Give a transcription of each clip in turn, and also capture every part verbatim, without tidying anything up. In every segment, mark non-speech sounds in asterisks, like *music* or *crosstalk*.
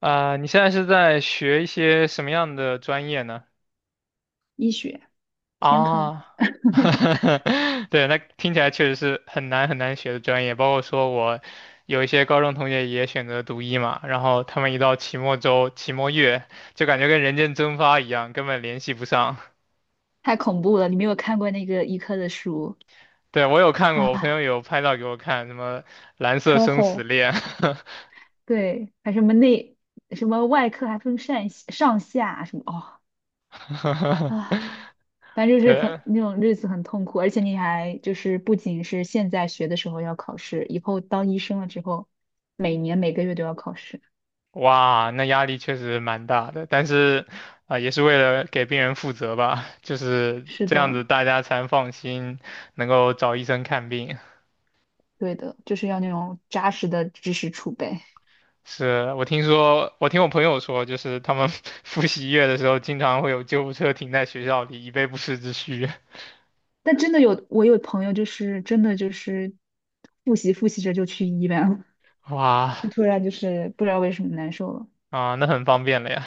啊、你现在是在学一些什么样的专业呢？医学，天坑，啊，*laughs* 对，那听起来确实是很难很难学的专业。包括说我有一些高中同学也选择读医嘛，然后他们一到期末周、期末月，就感觉跟人间蒸发一样，根本联系不上。太恐怖了！你没有看过那个医科的书对，我有看过，我朋啊，友有拍照给我看，什么蓝色超生死厚，恋，对，还什么内什么外科还分上上下什么哦 *laughs* 啊，反正就是很对。那种日子很痛苦，而且你还就是不仅是现在学的时候要考试，以后当医生了之后，每年每个月都要考试。哇，那压力确实蛮大的，但是啊、也是为了给病人负责吧，*laughs* 就是是这样子，的，大家才能放心能够找医生看病。对的，就是要那种扎实的知识储备。是我听说，我听我朋友说，就是他们 *laughs* 复习月的时候，经常会有救护车停在学校里，以备不时之需。但真的有，我有朋友就是真的就是复习复习着就去医院了。哇，就突然就是不知道为什么难受了，啊、那很方便了呀。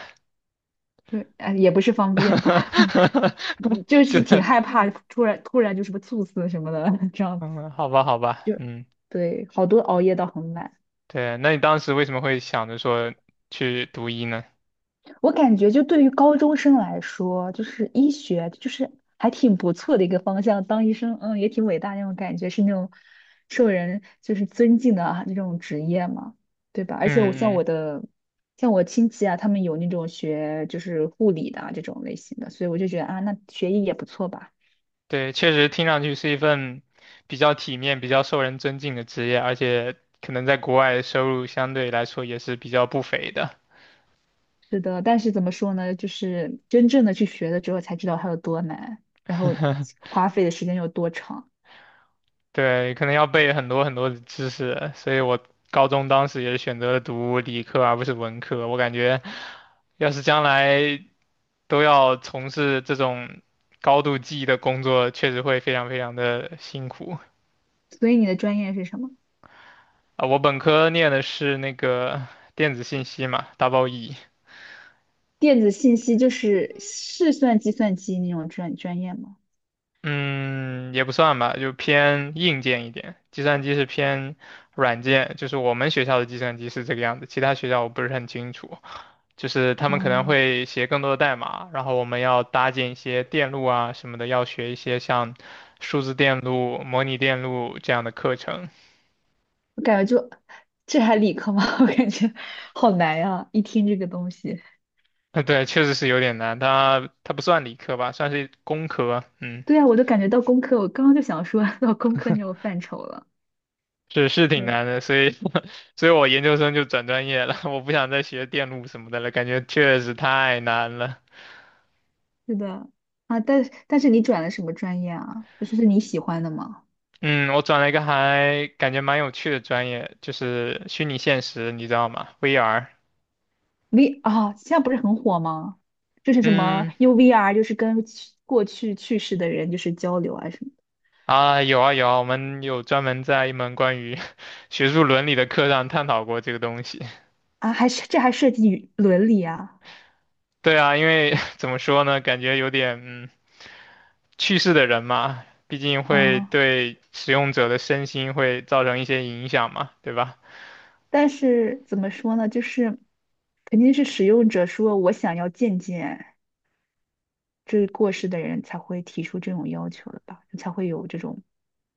对，哎，也不是方便吧，*laughs* *laughs* 嗯就就，是挺害怕，突然突然就什么猝死什么的，*laughs* 这样子嗯，好吧，好吧，就嗯，对，好多熬夜到很晚。对，那你当时为什么会想着说去读医呢？我感觉就对于高中生来说，就是医学就是还挺不错的一个方向，当医生，嗯，也挺伟大那种感觉，是那种受人就是尊敬的啊那种职业嘛，对吧？而且我像嗯我嗯的像我亲戚啊，他们有那种学就是护理的啊这种类型的，所以我就觉得啊，那学医也不错吧。对，确实听上去是一份比较体面、比较受人尊敬的职业，而且可能在国外收入相对来说也是比较不菲的。是的，但是怎么说呢，就是真正的去学了之后才知道它有多难，然后 *laughs* 花费的时间有多长。对，可能要背很多很多的知识，所以我高中当时也是选择了读理科而不是文科。我感觉，要是将来都要从事这种高度记忆的工作，确实会非常非常的辛苦所以你的专业是什么？啊。我本科念的是那个电子信息嘛，double E。电子信息就是是算计算机那种专专业吗？嗯，也不算吧，就偏硬件一点。计算机是偏软件，就是我们学校的计算机是这个样子，其他学校我不是很清楚。就是他们可能哦，会写更多的代码，然后我们要搭建一些电路啊什么的，要学一些像数字电路、模拟电路这样的课程。我感觉就这还理科吗？*laughs* 我感觉好难呀、一听这个东西，*laughs* 对，确实是有点难，它它不算理科吧，算是工科。嗯对啊，我都感觉到工科，我刚刚就想说 *laughs* 到工科那种范畴了。是是挺对，难的，所以 *laughs* 所以我研究生就转专业了，*laughs* 我不想再学电路什么的了，感觉确实太难了。是的啊，但但是你转了什么专业啊？就是是你喜欢的吗嗯，我转了一个还感觉蛮有趣的专业，就是虚拟现实，你知道吗？V R。？V 啊，现在不是很火吗？就是什么 嗯，u V R，就是跟去过去去世的人就是交流啊什么的啊，有啊有啊，我们有专门在一门关于 *laughs* 学术伦理的课上探讨过这个东西。啊，还是这还涉及伦理啊，*laughs* 对啊，因为 *laughs* 怎么说呢，感觉有点嗯，去世的人嘛，毕竟会嗯。对使用者的身心会造成一些影响嘛，对吧？但是怎么说呢，就是肯定是使用者说我想要见见这过世的人才会提出这种要求的吧，才会有这种，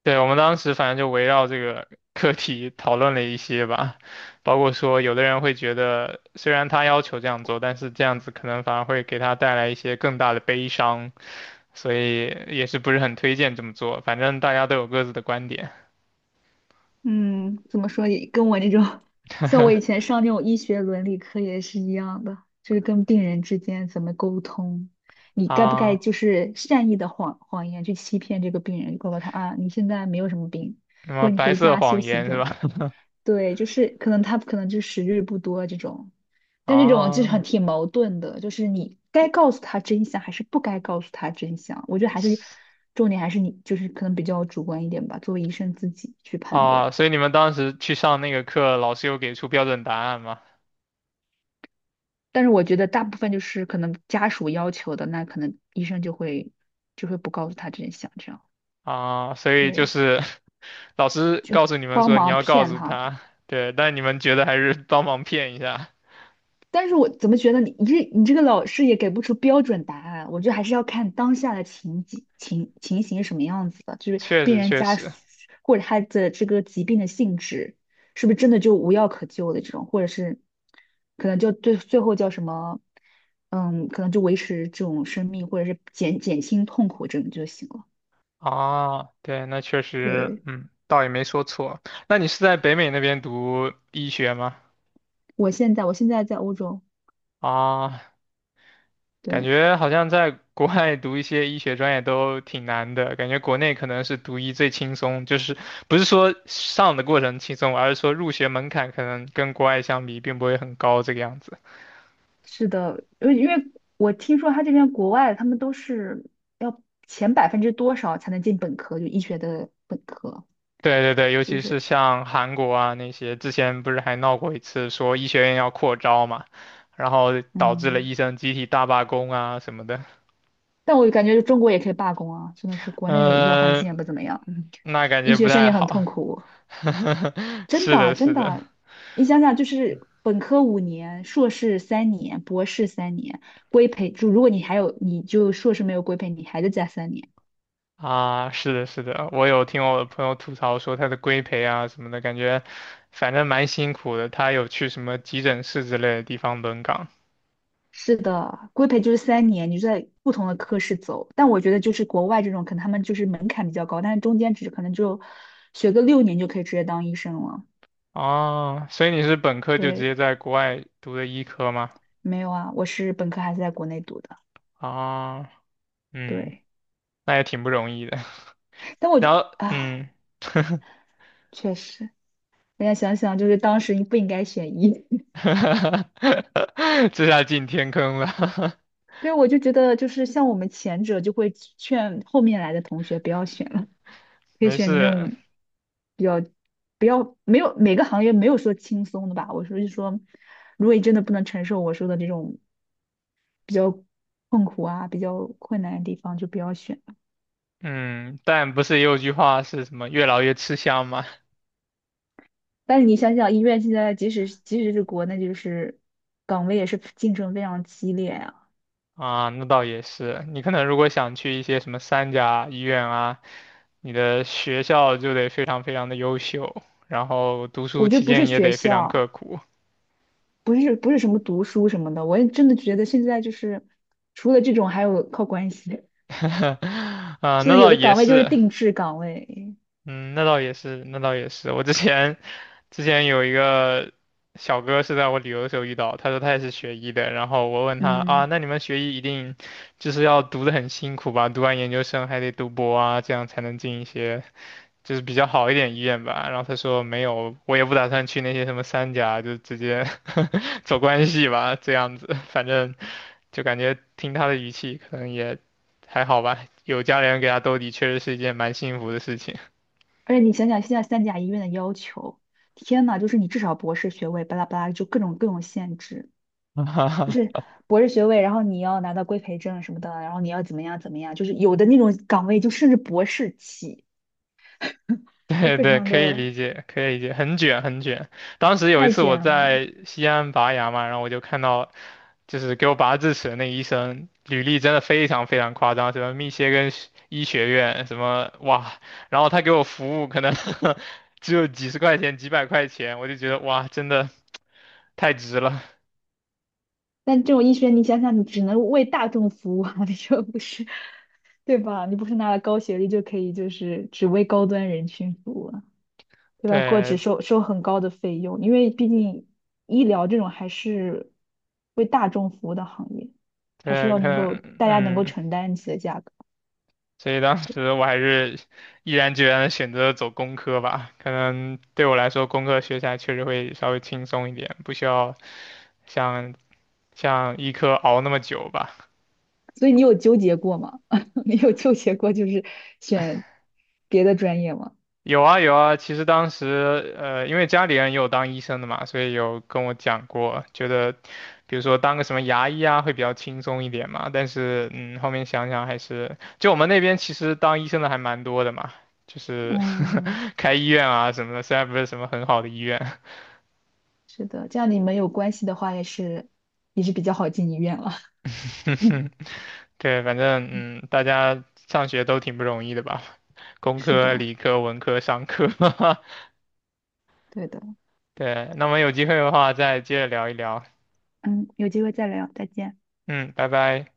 对，我们当时反正就围绕这个课题讨论了一些吧，包括说有的人会觉得，虽然他要求这样做，但是这样子可能反而会给他带来一些更大的悲伤，所以也是不是很推荐这么做。反正大家都有各自的观点 嗯，怎么说也跟我那种，像我以 *laughs* 前上那种医学伦理课也是一样的，就是跟病人之间怎么沟通，你该不该啊，就是善意的谎谎言去欺骗这个病人，告诉他啊，你现在没有什么病，什么或者你白回色家休谎息言这是种。吧？对，就是可能他可能就时日不多这种，*laughs* 但这种就是很啊挺矛盾的，就是你该告诉他真相还是不该告诉他真相，我觉得还是重点还是你就是可能比较主观一点吧，作为医生自己去判断。啊，所以你们当时去上那个课，老师有给出标准答案吗？但是我觉得大部分就是可能家属要求的，那可能医生就会就会不告诉他真相，这样啊，所以就对，是老师告诉你们帮说你忙要告骗诉他。他，*laughs* 对，但你们觉得还是帮忙骗一下，但是我怎么觉得你你这你这个老师也给不出标准答案，我觉得还是要看当下的情景情情形是什么样子的，就是确病实人确家属实或者他的这个疾病的性质是不是真的就无药可救的这种，或者是可能就最最后叫什么，嗯，可能就维持这种生命或者是减减轻痛苦这种就行了。啊，对，那确实，对，嗯，倒也没说错。那你是在北美那边读医学吗？我现在我现在在欧洲，啊，感对。觉好像在国外读一些医学专业都挺难的，感觉国内可能是读医最轻松，就是不是说上的过程轻松，而是说入学门槛可能跟国外相比并不会很高这个样子。是的，因为因为我听说他这边国外他们都是要前百分之多少才能进本科，就医学的本科，对对对，尤就其是是像韩国啊那些，之前不是还闹过一次说医学院要扩招嘛，然后导致了嗯，医生集体大罢工啊什么的，但我感觉中国也可以罢工啊，真的是国内的医疗环境嗯，也不怎么样，*laughs* 嗯，那感医觉不学生太也很好。痛苦，*laughs* 真是的的，真是的，的，你想想就是本科五年，硕士三年，博士三年，规培就如果你还有你就硕士没有规培，你还得加三年。啊，是的，是的，我有听我的朋友吐槽说他的规培啊什么的，感觉反正蛮辛苦的。他有去什么急诊室之类的地方轮岗是的，规培就是三年，你就在不同的科室走。但我觉得就是国外这种，可能他们就是门槛比较高，但是中间只可能就学个六年就可以直接当医生了。啊，所以你是本科就直接对，在国外读的医科吗？没有啊，我是本科还是在国内读的。啊。嗯，对，那也挺不容易的。*laughs* 但我就然后，啊，嗯，确实，人家想想就是当时你不应该选医。*laughs* *laughs* 这下进天坑了，对，我就觉得就是像我们前者就会劝后面来的同学不要选。了。*laughs* 可以没选那事。种比较不要没有每个行业没有说轻松的吧。我说是说，如果你真的不能承受我说的这种比较痛苦啊、比较困难的地方，就不要选。嗯，但不是也有句话是什么“越老越吃香”吗？但是你想想，医院现在即使即使是国内，就是岗位也是竞争非常激烈啊。啊，那倒也是。你可能如果想去一些什么三甲医院啊，你的学校就得非常非常的优秀，然后读书我觉期得不是间也学得非常刻校，苦。不是不是什么读书什么的，我也真的觉得现在就是除了这种，还有靠关系。*laughs* *laughs* 啊，是那的，有倒的也岗位就是是。定制岗位，嗯，那倒也是，那倒也是。我之前之前有一个小哥是在我旅游的时候遇到，他说他也是学医的，然后我问他啊，嗯。那你们学医一定就是要读的很辛苦吧？读完研究生还得读博啊，这样才能进一些就是比较好一点医院吧？然后他说没有，我也不打算去那些什么三甲，就直接 *laughs* 走关系吧，这样子，反正就感觉听他的语气可能也还好吧，有家里人给他兜底，确实是一件蛮幸福的事情。而且你想想现在三甲医院的要求，天呐，就是你至少博士学位，巴拉巴拉，就各种各种限制，*laughs* 哈就是哈，博士学位，然后你要拿到规培证什么的，然后你要怎么样怎么样，就是有的那种岗位就甚至博士起，*laughs* 就对非对，常可以的理解，可以理解，很卷很卷。当时有一太次我卷了。在西安拔牙嘛，然后我就看到，就是给我拔智齿的那医生，履历真的非常非常夸张，什么密歇根学医学院，什么哇，然后他给我服务可能 *laughs* 只有几十块钱、几百块钱，我就觉得哇，真的太值了。*laughs* 但这种医学，你想想，你只能为大众服务啊，*laughs* 你说不是，对吧？你不是拿了高学历就可以，就是只为高端人群服务。对吧？或者对收收很高的费用，因为毕竟医疗这种还是为大众服务的行业，还是对，要可能够能大家能够嗯。承担起的价格。所以当时我还是毅然决然的选择走工科吧，可能对我来说工科学起来确实会稍微轻松一点，不需要像像医科熬那么久吧。所以你有纠结过吗？*laughs* 你有纠结过就是选别的专业吗？有啊有啊，其实当时呃，因为家里人也有当医生的嘛，所以有跟我讲过，觉得比如说当个什么牙医啊会比较轻松一点嘛。但是嗯，后面想想还是，就我们那边其实当医生的还蛮多的嘛，就是 嗯，*laughs* 开医院啊什么的，虽然不是什么很好的医院，是的，这样你们有关系的话，也是也是比较好进医院了。*laughs* *laughs* 对，反正嗯，大家上学都挺不容易的吧，工是科、的，理科、文科、商科，对的。*laughs* 对。那我们有机会的话再接着聊一聊，嗯，有机会再聊，再见。嗯，拜拜。